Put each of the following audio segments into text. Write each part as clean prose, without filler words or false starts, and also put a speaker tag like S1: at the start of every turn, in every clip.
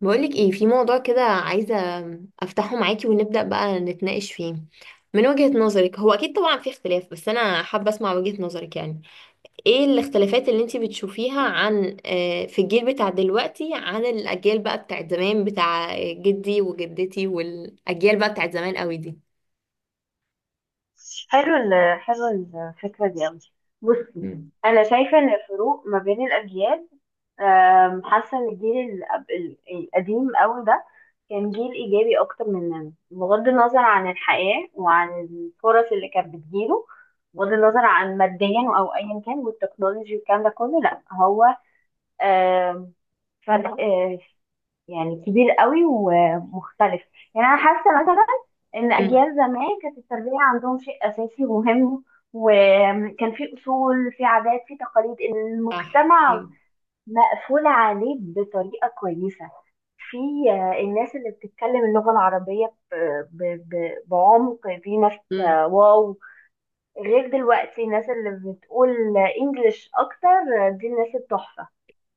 S1: بقولك ايه؟ في موضوع كده عايزة افتحه معاكي ونبدأ بقى نتناقش فيه. من وجهة نظرك، هو اكيد طبعا في اختلاف بس انا حابة اسمع وجهة نظرك، يعني ايه الاختلافات اللي انتي بتشوفيها عن في الجيل بتاع دلوقتي عن الاجيال بقى بتاعت زمان بتاع جدي وجدتي، والاجيال بقى بتاعت زمان قوي دي.
S2: حلو الفكرة دي أوي. بصي،
S1: مم.
S2: أنا شايفة إن الفروق ما بين الأجيال، حاسة إن الجيل القديم أوي ده كان جيل إيجابي أكتر مننا، بغض النظر عن الحياة وعن الفرص اللي كانت بتجيله، بغض النظر عن ماديا أو أيا كان والتكنولوجي والكلام ده كله. لأ، هو أم، فرق يعني كبير قوي ومختلف. يعني انا حاسه مثلا ان
S1: امم.
S2: اجيال زمان كانت التربيه عندهم شيء اساسي ومهم، وكان في اصول، في عادات، في تقاليد
S1: صح.
S2: المجتمع مقفول عليه بطريقه كويسه. في الناس اللي بتتكلم اللغه العربيه بعمق، في ناس
S1: امم.
S2: واو، غير دلوقتي الناس اللي بتقول انجليش اكتر، دي الناس التحفه.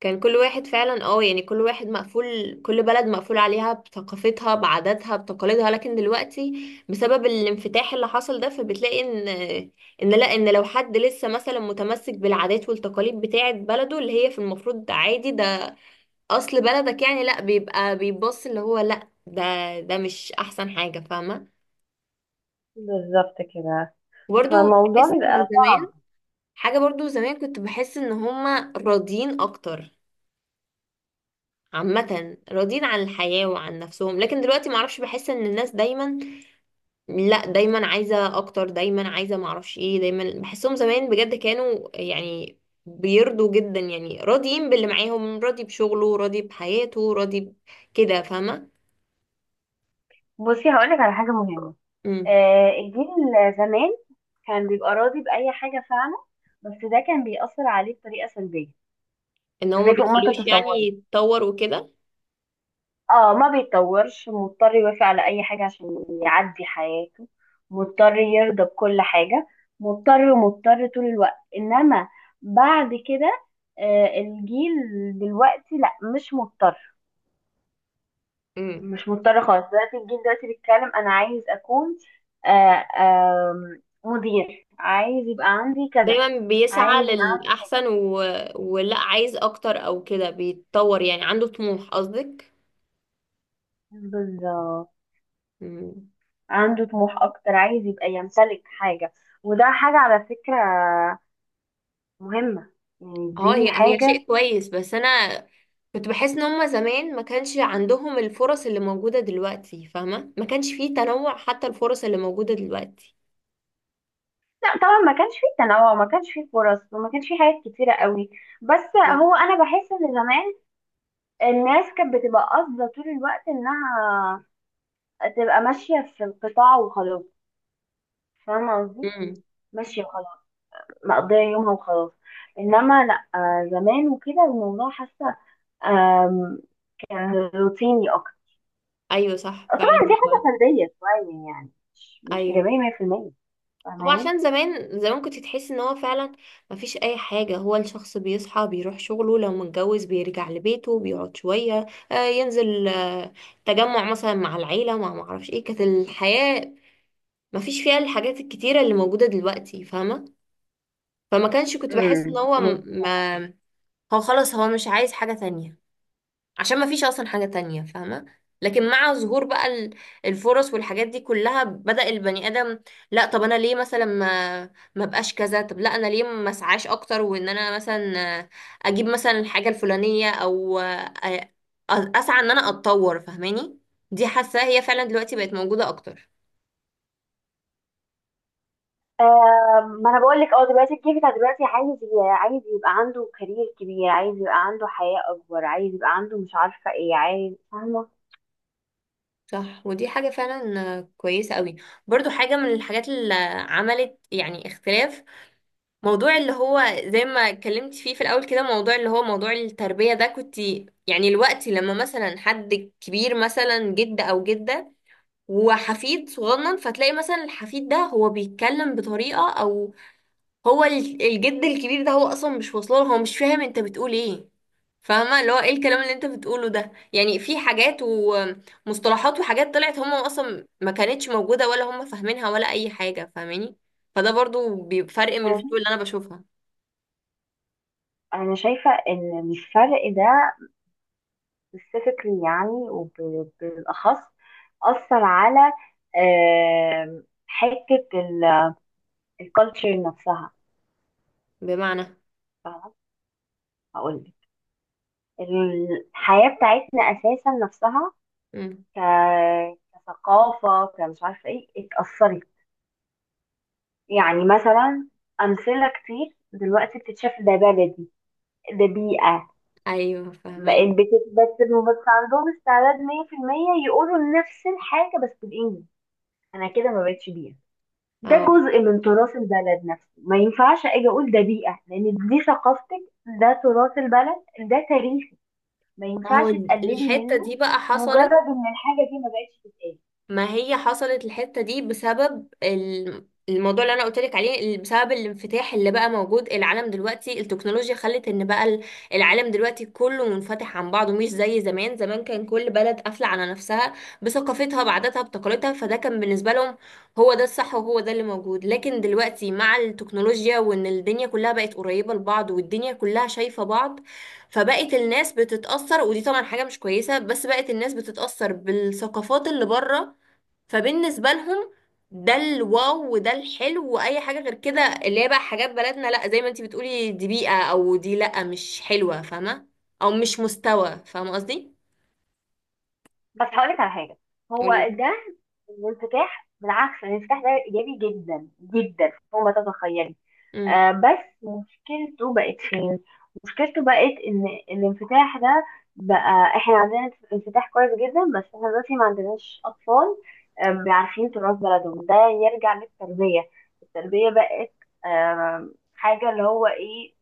S1: كان كل واحد فعلا، يعني كل واحد مقفول، كل بلد مقفول عليها بثقافتها بعاداتها بتقاليدها. لكن دلوقتي بسبب الانفتاح اللي حصل ده، فبتلاقي ان لا، ان لو حد لسه مثلا متمسك بالعادات والتقاليد بتاعة بلده، اللي هي في المفروض عادي، ده اصل بلدك يعني، لا بيبقى بيبص اللي هو، لا ده ده مش احسن حاجة. فاهمة؟
S2: بالظبط كده،
S1: برضو
S2: فالموضوع
S1: بحس ان
S2: بيبقى.
S1: زمان حاجة، برضو زمان كنت بحس ان هما راضيين اكتر، عامة راضيين عن الحياة وعن نفسهم. لكن دلوقتي معرفش، بحس ان الناس دايما لا دايما عايزة اكتر، دايما عايزة معرفش ايه، دايما بحسهم زمان بجد كانوا يعني بيرضوا جدا، يعني راضيين باللي معاهم، راضي بشغله راضي بحياته راضي ب- كده. فاهمة؟
S2: بصي، هقولك على حاجة مهمة.
S1: امم.
S2: الجيل زمان كان بيبقى راضي بأي حاجة فعلا، بس ده كان بيأثر عليه بطريقة سلبية.
S1: ان هو ما
S2: سلبية فوق ما
S1: بيخلوش يعني
S2: تتصوري.
S1: يتطور وكده.
S2: اه، ما بيتطورش. مضطر يوافق على أي حاجة عشان يعدي حياته، مضطر يرضى بكل حاجة، مضطر ومضطر طول الوقت. إنما بعد كده الجيل دلوقتي لا، مش مضطر.
S1: امم.
S2: مش مضطرة خالص. دلوقتي الجيل دلوقتي بيتكلم أنا عايز أكون آه، آم، مدير، عايز يبقى عندي كذا،
S1: دايما بيسعى
S2: عايز يبقى عندي.
S1: للأحسن و... ولا عايز اكتر او كده، بيتطور، يعني عنده طموح قصدك؟
S2: بالظبط.
S1: امم.
S2: عنده طموح أكتر، عايز يبقى يمتلك حاجة. وده حاجة على فكرة مهمة. يعني
S1: اه،
S2: دي
S1: هي هي
S2: حاجة.
S1: شيء كويس، بس انا كنت بحس ان هما زمان ما كانش عندهم الفرص اللي موجودة دلوقتي، فاهمة؟ ما كانش فيه تنوع حتى، الفرص اللي موجودة دلوقتي.
S2: لا، طبعا ما كانش فيه تنوع، ما كانش فيه فرص، وما كانش فيه حاجات كتيرة قوي. بس هو أنا بحس إن زمان الناس كانت بتبقى قاصدة طول الوقت إنها تبقى ماشية في القطاع وخلاص. فاهمة قصدي؟
S1: امم.
S2: ماشية وخلاص، مقضية يومها وخلاص. انما لا، زمان وكده الموضوع حاسة آم، كان روتيني اكتر.
S1: ايوه صح فعلا.
S2: طبعا دي
S1: هو
S2: حاجة فردية شوية، يعني مش
S1: ايوه
S2: ايجابية 100%.
S1: هو،
S2: فاهماني؟
S1: عشان زمان زمان كنت تحس ان هو فعلا ما فيش اي حاجة، هو الشخص بيصحى بيروح شغله، لو متجوز بيرجع لبيته بيقعد شوية، آه ينزل آه تجمع مثلا مع العيلة، مع معرفش ايه. كانت الحياة ما فيش فيها الحاجات الكتيرة اللي موجودة دلوقتي، فاهمة؟ فما كانش، كنت بحس ان هو
S2: امم
S1: ما، هو خلاص هو مش عايز حاجة تانية عشان ما فيش اصلا حاجة تانية، فاهمة؟ لكن مع ظهور بقى الفرص والحاجات دي كلها، بدأ البني آدم لا، طب انا ليه مثلا ما ما بقاش كذا، طب لا انا ليه ما اسعاش اكتر، وان انا مثلا اجيب مثلا الحاجة الفلانية، او اسعى ان انا اتطور، فاهماني؟ دي حاسة هي فعلا دلوقتي بقت موجودة اكتر.
S2: ما انا بقول لك، اه، دلوقتي الجيل بتاع دلوقتي عايز يبقى عنده كارير كبير، عايز يبقى عنده حياة اكبر، عايز يبقى عنده مش عارفة ايه عايز. فاهمة؟
S1: صح، ودي حاجة فعلا كويسة قوي. برضو حاجة من الحاجات اللي عملت يعني اختلاف، موضوع اللي هو زي ما اتكلمت فيه في الأول كده، موضوع اللي هو موضوع التربية ده. كنت يعني الوقت لما مثلا حد كبير، مثلا جد أو جدة وحفيد صغنن، فتلاقي مثلا الحفيد ده هو بيتكلم بطريقة، أو هو الجد الكبير ده هو اصلا مش واصله له، هو مش فاهم انت بتقول ايه. فاهمه اللي هو ايه الكلام اللي انت بتقوله ده؟ يعني في حاجات ومصطلحات وحاجات طلعت، هم اصلا ما كانتش موجوده ولا هم فاهمينها، ولا اي حاجه، فاهماني؟ فده برضو بيفرق من
S2: انا شايفة
S1: الفيديو اللي انا بشوفها.
S2: انا شايفة ان الفرق ده specifically، يعني وبالأخص، أثر على حتة الكالتشر نفسها.
S1: بمعنى؟
S2: فاهمة؟ هقول لك، الحياة بتاعتنا أساسا نفسها
S1: مم.
S2: ك... كثقافة، كمش عارفة إيه، اتأثرت. يعني مثلا، أمثلة كتير دلوقتي بتتشاف ده بلدي، ده بيئة،
S1: ايوه فاهمك.
S2: بقت بس عندهم استعداد 100% يقولوا نفس الحاجة بس بالإنجليزي. أنا كده ما بقتش بيئة. ده
S1: اه،
S2: جزء من تراث البلد نفسه، ما ينفعش اجي اقول ده بيئة، لان دي ثقافتك، ده تراث البلد، ده تاريخك، ما
S1: ما هو
S2: ينفعش تقللي
S1: الحته
S2: منه،
S1: دي بقى
S2: مجرد
S1: حصلت.
S2: ان الحاجة دي ما بقتش تتقال.
S1: ما هي حصلت الحتة دي بسبب الموضوع اللي انا قلت لك عليه، بسبب الانفتاح اللي بقى موجود العالم دلوقتي. التكنولوجيا خلت ان بقى العالم دلوقتي كله منفتح عن بعضه، مش زي زمان. زمان كان كل بلد قافلة على نفسها بثقافتها بعاداتها بتقاليدها، فده كان بالنسبة لهم هو ده الصح وهو ده اللي موجود. لكن دلوقتي مع التكنولوجيا، وان الدنيا كلها بقت قريبة لبعض والدنيا كلها شايفة بعض، فبقت الناس بتتأثر، ودي طبعا حاجة مش كويسة، بس بقت الناس بتتأثر بالثقافات اللي بره. فبالنسبة لهم ده الواو وده الحلو، واي حاجة غير كده اللي هي بقى حاجات بلدنا، لا زي ما انتي بتقولي دي بيئة، او دي لا مش حلوة، فاهمة؟ او مش مستوى، فاهمة قصدي؟
S2: بس هقولك على حاجة، هو
S1: قولي.
S2: ده الانفتاح. بالعكس، الانفتاح ده ايجابي جدا جدا فوق ما تتخيلي.
S1: امم.
S2: بس مشكلته بقت فين؟ مشكلته بقت ان الانفتاح ده بقى احنا عندنا انفتاح كويس جدا، بس احنا دلوقتي ما عندناش اطفال بيعرفين تراث بلدهم. ده يرجع للتربية. التربية بقت آه، حاجة اللي هو ايه.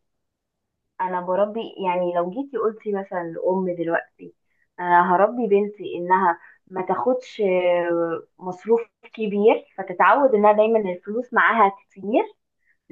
S2: انا بربي، يعني لو جيتي قلتي مثلا لأم دلوقتي انا هربي بنتي انها ما تاخدش مصروف كبير فتتعود انها دايما الفلوس معاها كتير،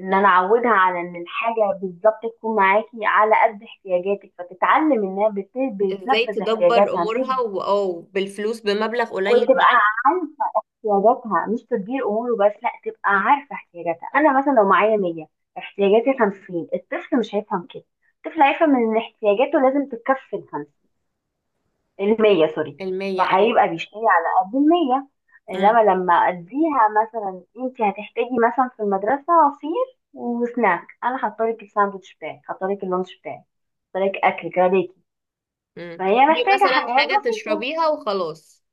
S2: ان انا اعودها على ان الحاجه بالظبط تكون معاكي على قد احتياجاتك، فتتعلم انها
S1: ازاي
S2: بتنفذ
S1: تدبر
S2: احتياجاتها، مش
S1: امورها او بالفلوس بمبلغ قليل، مع.
S2: وتبقى عارفه احتياجاتها، مش تدبير اموره بس، لا تبقى
S1: مم.
S2: عارفه احتياجاتها. انا مثلا لو معايا 100، احتياجاتي 50، الطفل مش هيفهم كده. الطفل هيفهم ان احتياجاته لازم تتكفل 50. 100 سوري
S1: المية، ايوه.
S2: فهيبقى بيشتري على قد 100. انما
S1: امم.
S2: لما اديها مثلا، انت هتحتاجي مثلا في المدرسة عصير وسناك، انا حاطلك الساندوتش بتاعي، حاطلك اللانش بتاعي، حاطلك اكل كده ليكي.
S1: امم.
S2: فهي محتاجة
S1: مثلا
S2: حاجات
S1: حاجة
S2: بسيطة.
S1: تشربيها وخلاص.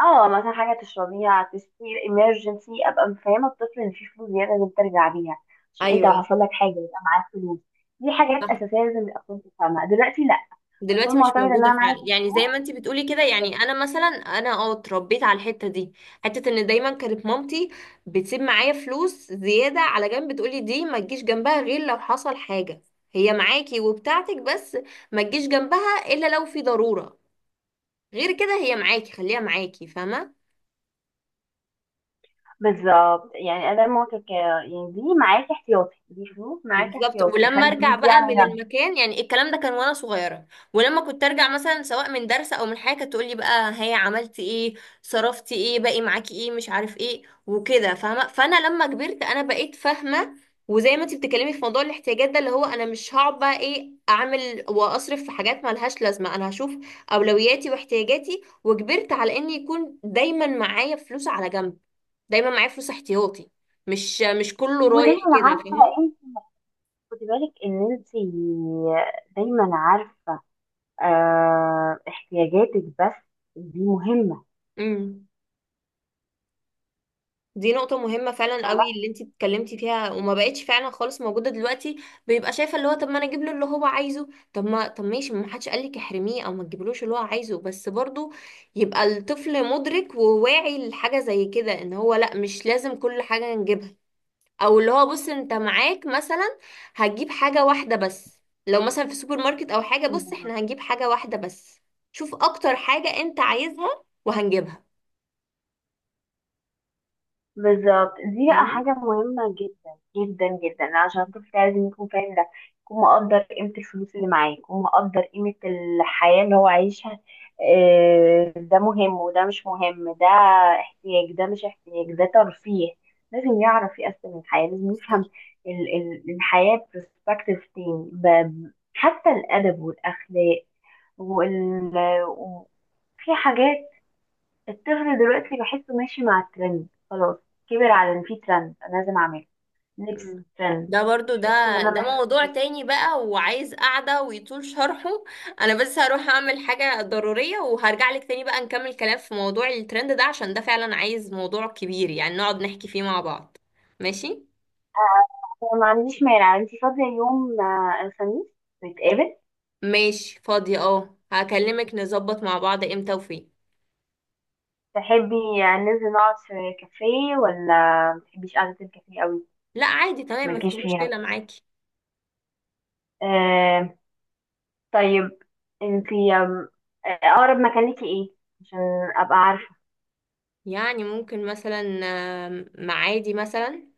S2: اه، مثلا حاجة تشربيها، تسير emergency. ابقى مفهمة الطفل ان في فلوس زيادة لازم ترجع بيها، عشان انت لو
S1: ايوه
S2: حصل لك حاجة يبقى معاك فلوس. دي حاجات اساسية لازم الاطفال تفهمها. دلوقتي لا،
S1: دلوقتي
S2: الاطفال
S1: مش
S2: معتمدة ان
S1: موجودة
S2: انا معايا
S1: فعلا يعني،
S2: تليفون.
S1: زي ما انتي بتقولي كده. يعني انا مثلا، انا اه اتربيت على الحتة دي، حتة ان دايما كانت مامتي بتسيب معايا فلوس زيادة على جنب، تقولي دي ما تجيش جنبها غير لو حصل حاجة، هي معاكي وبتاعتك بس ما تجيش جنبها الا لو في ضرورة. غير كده هي معاكي خليها معاكي، فاهمة؟
S2: بالظبط، يعني أداء مواقف، يعني دي معاكي احتياطي، دي فلوس معاكي
S1: بالظبط.
S2: احتياطي،
S1: ولما
S2: خلي
S1: ارجع
S2: الفلوس دي
S1: بقى
S2: على
S1: من
S2: جنب.
S1: المكان، يعني الكلام ده كان وانا صغيره، ولما كنت ارجع مثلا سواء من درس او من حاجه، كانت تقول لي بقى هي عملتي ايه، صرفتي ايه، باقي معاكي ايه، مش عارف ايه وكده، فاهمه؟ فانا لما كبرت انا بقيت فاهمه، وزي ما انت بتتكلمي في موضوع الاحتياجات ده، اللي هو انا مش هقعد بقى ايه اعمل واصرف في حاجات مالهاش لازمه. انا هشوف اولوياتي واحتياجاتي، وكبرت على ان يكون دايما معايا فلوس على جنب، دايما معايا فلوس احتياطي، مش كله رايح
S2: ودايما
S1: كده،
S2: عارفة
S1: فاهمه؟
S2: انت، خدي بالك ان انت دايما عارفة احتياجاتك بس. دي مهمة.
S1: امم. دي نقطة مهمة فعلا قوي اللي انتي اتكلمتي فيها، وما بقتش فعلا خالص موجودة دلوقتي. بيبقى شايفة اللي هو طب ما انا اجيب له اللي هو عايزه، طب ما طب ماشي، ما حدش قالك احرميه او ما تجيبلوش اللي هو عايزه، بس برضو يبقى الطفل مدرك وواعي لحاجة زي كده، ان هو لا مش لازم كل حاجة نجيبها، او اللي هو بص انت معاك مثلا هتجيب حاجة واحدة بس، لو مثلا في سوبر ماركت او حاجة بص
S2: فاهمة؟
S1: احنا هنجيب حاجة واحدة بس، شوف اكتر حاجة انت عايزها وهنجيبها.
S2: بالظبط، دي بقى
S1: فاهمة؟
S2: حاجة مهمة جدا جدا جدا، عشان الطفل لازم يكون فاهم ده، يكون مقدر قيمة الفلوس اللي معاه، يكون مقدر قيمة الحياة اللي هو عايشها. ده مهم وده مش مهم، ده احتياج ده مش احتياج ده ترفيه. لازم يعرف يقسم الحياة، لازم يفهم الحياة برسبكتيف تاني، حتى الأدب والأخلاق وال... و- في حاجات. الطفل دلوقتي بحسه ماشي مع الترند خلاص. كبر على ان في ترند انا لازم اعمله. لبس
S1: مم.
S2: ترند،
S1: ده برضو
S2: مش لبس اللي
S1: ده
S2: انا
S1: ده
S2: محتاجه.
S1: موضوع تاني بقى وعايز قعدة ويطول شرحه. انا بس هروح اعمل حاجة ضرورية وهرجع لك تاني بقى نكمل كلام في موضوع الترند ده، عشان ده فعلا عايز موضوع كبير يعني نقعد نحكي فيه مع بعض. ماشي.
S2: أنا ما عنديش مانع. انتي فاضية يوم الخميس نتقابل؟
S1: ماشي، فاضية اه، هكلمك نظبط مع بعض امتى وفين.
S2: تحبي ننزل نقعد في كافيه، ولا ما تحبيش قعدة الكافيه قوي؟
S1: لا عادي تمام،
S2: مالكيش
S1: مفيش
S2: فيها.
S1: مشكلة معاكي.
S2: آه طيب، انتي آم، آه، اقرب مكان ليكي ايه، عشان ابقى عارفة؟
S1: يعني ممكن مثلا، معادي مثلا.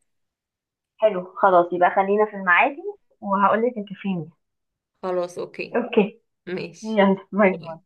S2: حلو، خلاص يبقى خلينا في المعادي، وهقولك الكافيه مين.
S1: خلاص اوكي.
S2: اوكي.
S1: ماشي.
S2: يلا، باي باي.